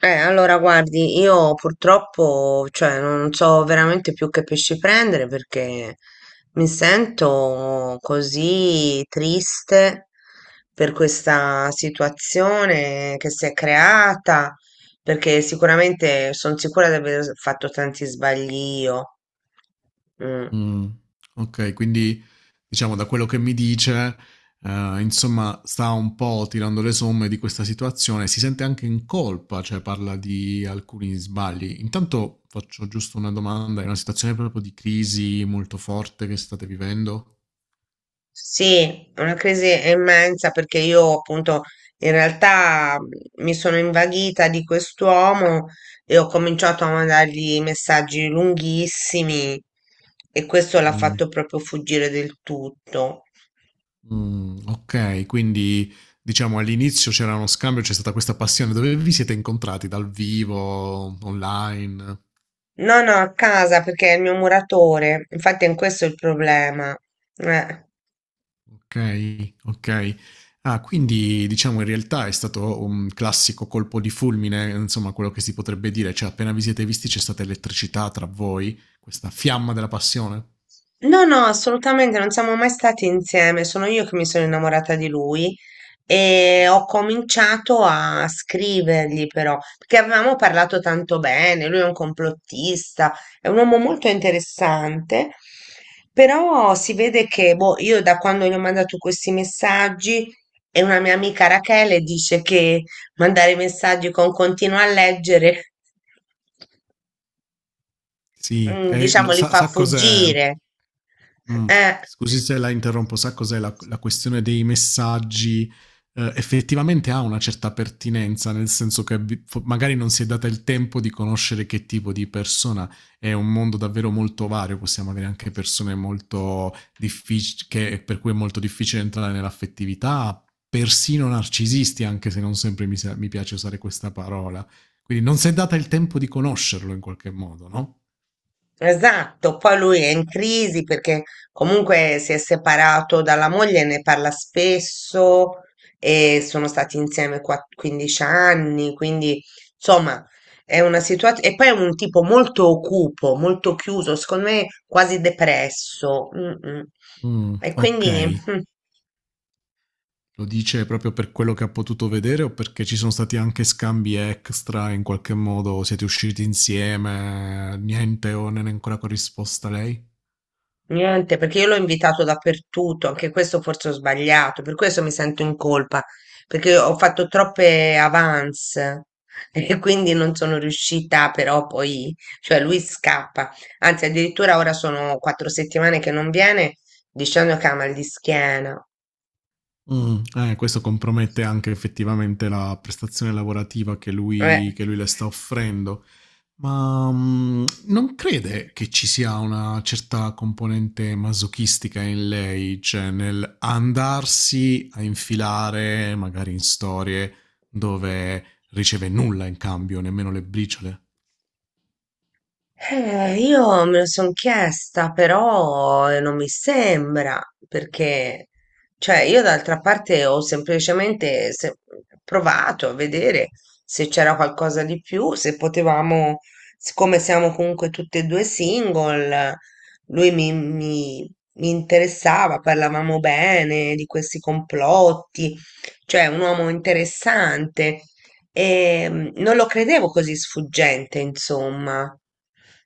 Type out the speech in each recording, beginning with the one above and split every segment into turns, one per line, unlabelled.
Allora guardi, io purtroppo, cioè, non so veramente più che pesci prendere perché mi sento così triste per questa situazione che si è creata, perché sicuramente sono sicura di aver fatto tanti sbagli io. Mm.
Mh, okay, quindi diciamo da quello che mi dice, insomma sta un po' tirando le somme di questa situazione, si sente anche in colpa, cioè parla di alcuni sbagli. Intanto faccio giusto una domanda, è una situazione proprio di crisi molto forte che state vivendo?
Sì, è una crisi immensa perché io appunto in realtà mi sono invaghita di quest'uomo e ho cominciato a mandargli messaggi lunghissimi e questo l'ha
Mh.
fatto proprio fuggire del tutto.
Okay, quindi diciamo all'inizio c'era uno scambio, c'è stata questa passione. Dove vi siete incontrati? Dal vivo, online?
No, no, a casa perché è il mio muratore, infatti è questo il problema. Eh.
Okay, okay. Ah, quindi diciamo in realtà è stato un classico colpo di fulmine, insomma quello che si potrebbe dire, cioè appena vi siete visti c'è stata elettricità tra voi, questa fiamma della passione?
No, no, assolutamente, non siamo mai stati insieme, sono io che mi sono innamorata di lui e
Mh-mh.
ho cominciato a scrivergli però, perché avevamo parlato tanto bene, lui è un complottista, è un uomo molto interessante, però si vede che boh, io da quando gli ho mandato questi messaggi e una mia amica Rachele dice che mandare messaggi con continua a leggere
Sì, e
diciamo,
lo
li
sa
fa
sa cos'è?
fuggire.
Mh.
Eh,
Scusi se la interrompo, sa cos'è la questione dei messaggi, effettivamente ha una certa pertinenza, nel senso che vi fo magari non si è data il tempo di conoscere che tipo di persona è un mondo davvero molto vario, possiamo avere anche persone molto diffic che per cui è molto difficile entrare nell'affettività, persino narcisisti, anche se non sempre mi piace usare questa parola. Quindi non s'è data il tempo di conoscerlo in qualche modo, no?
esatto, poi lui è in crisi perché comunque si è separato dalla moglie, ne parla spesso e sono stati insieme 15 anni, quindi insomma è una situazione... E poi è un tipo molto cupo, molto chiuso, secondo me quasi depresso. Mm, mm. E quindi...
Okay.
mm.
Lo dice proprio per quello che ha potuto vedere o perché ci sono stati anche scambi extra in qualche modo? Siete usciti insieme? Niente o non è ancora corrisposta lei?
Niente, perché io l'ho invitato dappertutto, anche questo forse ho sbagliato, per questo mi sento in colpa, perché ho fatto troppe avance e quindi non sono riuscita però poi, cioè lui scappa, anzi addirittura ora sono 4 settimane che non viene dicendo che ha mal di schiena.
Mm, questo compromette anche effettivamente la prestazione lavorativa che lui,
Eh,
che lui le sta offrendo. Ma, non crede che ci sia una certa componente masochistica in lei, cioè nel andarsi a infilare magari in storie dove riceve nulla in cambio, nemmeno le briciole?
Io me lo sono chiesta, però non mi sembra, perché, cioè, io d'altra parte ho semplicemente provato a vedere se c'era qualcosa di più, se potevamo, siccome siamo comunque tutti e due single, lui mi interessava, parlavamo bene di questi complotti, cioè un uomo interessante e non lo credevo così sfuggente, insomma.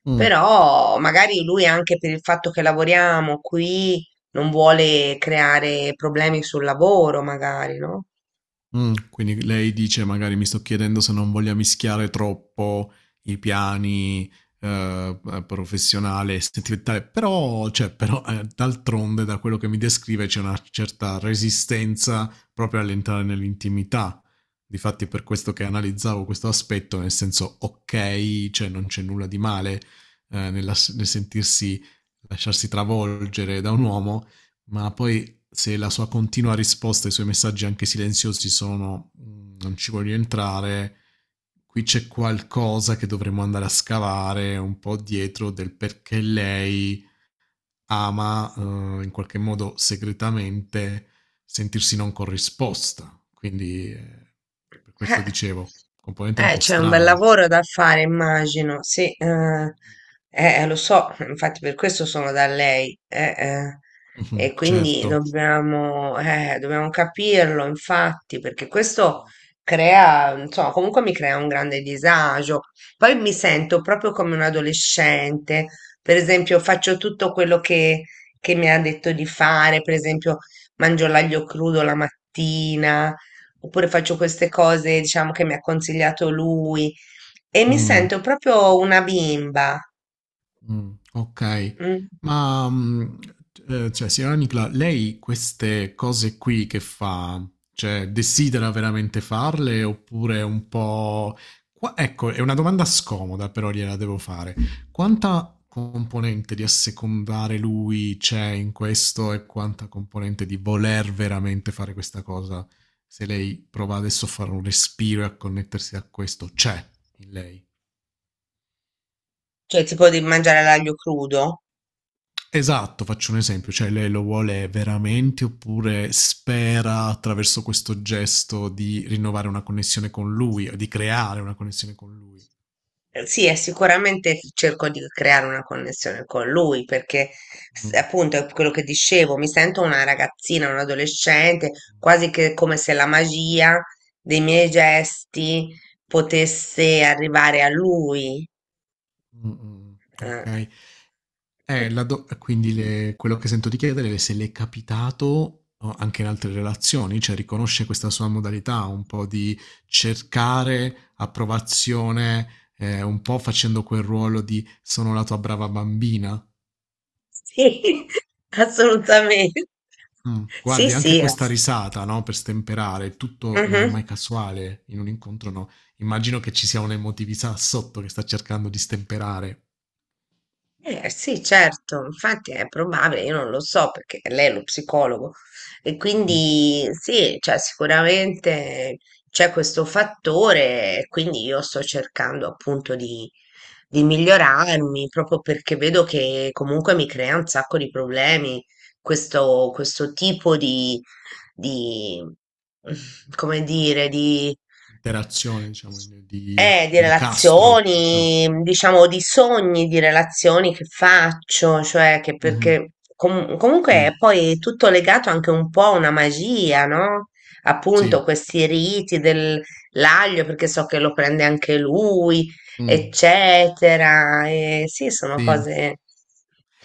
Mh.
Però magari lui anche per il fatto che lavoriamo qui non vuole creare problemi sul lavoro, magari, no?
Quindi lei dice: "Magari mi sto chiedendo se non voglia mischiare troppo i piani, p professionale e sentimentale", però, d'altronde da quello che mi descrive c'è una certa resistenza proprio all'entrare nell'intimità. Difatti per questo che analizzavo questo aspetto, nel senso: okay, cioè non c'è nulla di male, nel sentirsi lasciarsi travolgere da un uomo, ma poi se la sua continua risposta ai suoi messaggi anche silenziosi sono "Mm, non ci voglio entrare, qui c'è qualcosa che dovremmo andare a scavare un po' dietro del perché lei ama in qualche modo segretamente sentirsi non corrisposta. Quindi per questo
Eh,
dicevo, componente un po'
c'è un bel
strana.
lavoro da fare, immagino. Sì, lo so, infatti per questo sono da lei.
Mhm,
E quindi
certo.
dobbiamo, dobbiamo capirlo, infatti, perché questo crea, insomma, comunque mi crea un grande disagio. Poi mi sento proprio come un adolescente. Per esempio, faccio tutto quello che mi ha detto di fare, per esempio, mangio l'aglio crudo la mattina oppure faccio queste cose, diciamo, che mi ha consigliato lui e mi
Mm.
sento proprio una bimba,
Okay.
mm.
Ma, cioè signora Nicla, lei queste cose qui che fa, cioè desidera veramente farle oppure è un po' qua ecco, è una domanda scomoda, però gliela devo fare. Quanta componente di assecondare lui c'è in questo e quanta componente di voler veramente fare questa cosa? Se lei prova adesso a fare un respiro e a connettersi a questo, c'è in lei?
Cioè tipo di mangiare l'aglio crudo.
Esatto, faccio un esempio, cioè lei lo vuole veramente oppure spera attraverso questo gesto di rinnovare una connessione con lui o di creare una connessione con lui.
Sì, e sicuramente cerco di creare una connessione con lui perché
Mm,
appunto è quello che dicevo, mi sento una ragazzina, un adolescente, quasi che come se la magia dei miei gesti potesse arrivare a lui.
mm, mm. Ok.
Eh.
La do- quindi le- quello che sento di chiedere è se le è capitato oh, anche in altre relazioni, cioè riconosce questa sua modalità un po' di cercare approvazione, un po' facendo quel ruolo di sono la tua brava bambina.
Sì, assolutamente.
Mh.
Sì,
Guardi anche
sì,
questa risata, no, per stemperare, tutto non è
mhm.
mai casuale in un incontro, no, immagino che ci sia un'emotività sotto che sta cercando di stemperare.
Sì, certo, infatti è probabile, io non lo so perché lei è lo psicologo e
Mh.
quindi sì, cioè, sicuramente c'è questo fattore, e quindi io sto cercando appunto di migliorarmi proprio perché vedo che comunque mi crea un sacco di problemi questo tipo di, mm, come dire,
Interazione diciamo in
di
di incastro, diciamo.
relazioni, diciamo di sogni, di relazioni che faccio, cioè che
Mh-mh.
perché comunque è
Sì,
poi tutto legato anche un po' a una magia, no? Appunto,
sì.
questi riti dell'aglio, perché so che lo prende anche lui,
Mh.
eccetera. E sì, sono
Sì.
cose.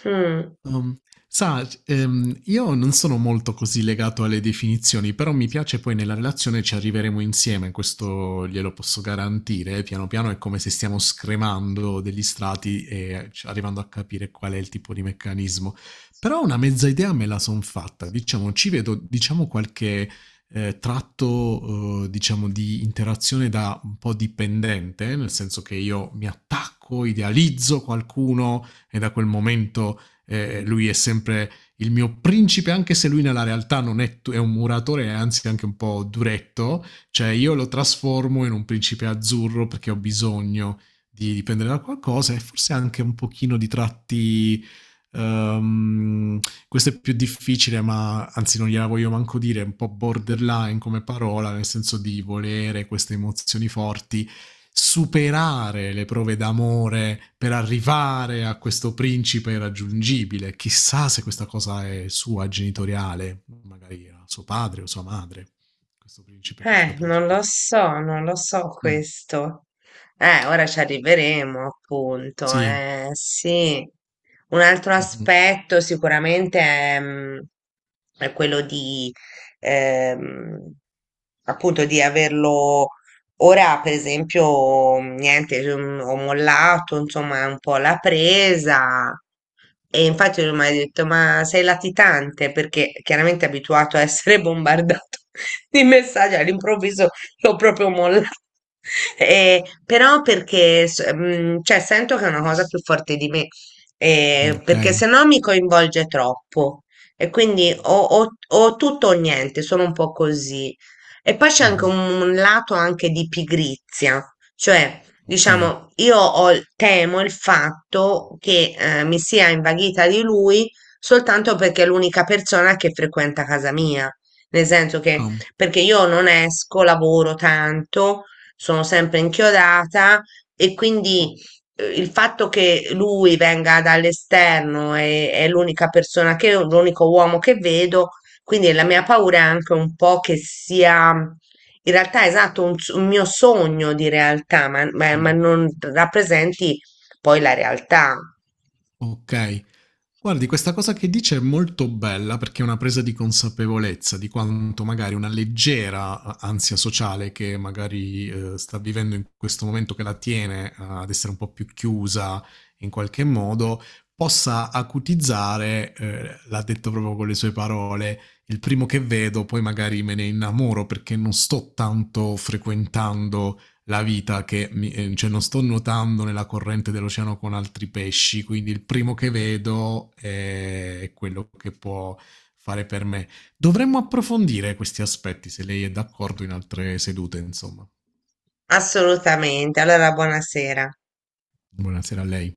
Mm.
Um, sa, io non sono molto così legato alle definizioni, però mi piace poi nella relazione ci arriveremo insieme, questo glielo posso garantire. Piano piano è come se stiamo scremando degli strati e arrivando a capire qual è il tipo di meccanismo. Però una mezza idea me la son fatta, diciamo, ci vedo, diciamo, qualche tratto, diciamo, di interazione da un po' dipendente, nel senso che io mi attacco, idealizzo qualcuno e da quel momento lui è sempre il mio principe, anche se lui nella realtà non è, è un muratore, è anzi anche un po' duretto, cioè io lo trasformo in un principe azzurro perché ho bisogno di dipendere da qualcosa e forse anche un pochino di tratti... Um, questo è più difficile, ma anzi non gliela voglio manco dire, è un po' borderline come parola, nel senso di volere queste emozioni forti superare le prove d'amore per arrivare a questo principe irraggiungibile. Chissà se questa cosa è sua genitoriale, magari era suo padre o sua madre, questo principe, questa
Non lo
principessa.
so, non lo so
Mm,
questo. Ora ci arriveremo, appunto.
Sì.
Sì. Un altro
Mhm.
aspetto sicuramente è, è quello di, ehm, appunto, di averlo Ora, per esempio, niente, cioè, ho mollato, insomma, un po' la presa. E infatti lui mi ha detto, ma sei latitante? Perché chiaramente è abituato a essere bombardato di messaggi, all'improvviso l'ho proprio mollato. E, però perché, cioè, sento che è una cosa più forte di me,
Ok.
perché se no mi coinvolge troppo. E quindi
Mhm.
o tutto o niente, sono un po' così. E poi c'è anche
Mhm.
un lato anche di pigrizia, cioè,
Ok.
diciamo, io ho temo il fatto che mi sia invaghita di lui soltanto perché è l'unica persona che frequenta casa mia, nel senso che
Ah,
perché io non esco, lavoro tanto, sono sempre inchiodata e quindi il fatto che lui venga dall'esterno e è l'unica persona che, l'unico uomo che vedo quindi la mia paura è anche un po' che sia, in realtà, esatto, un, un mio sogno di realtà, ma, ma
mm,
non rappresenti poi la realtà.
Ok. Guardi, questa cosa che dice è molto bella perché è una presa di consapevolezza di quanto magari una leggera ansia sociale che magari sta vivendo in questo momento che la tiene ad essere un po' più chiusa in qualche modo, possa acutizzare, l'ha detto proprio con le sue parole, il primo che vedo, poi magari me ne innamoro perché non sto tanto frequentando la vita cioè non sto nuotando nella corrente dell'oceano con altri pesci, quindi il primo che vedo è quello che può fare per me. Dovremmo approfondire questi aspetti, se lei è d'accordo, in altre sedute, insomma.
Assolutamente. Allora, buonasera.
Buonasera a lei.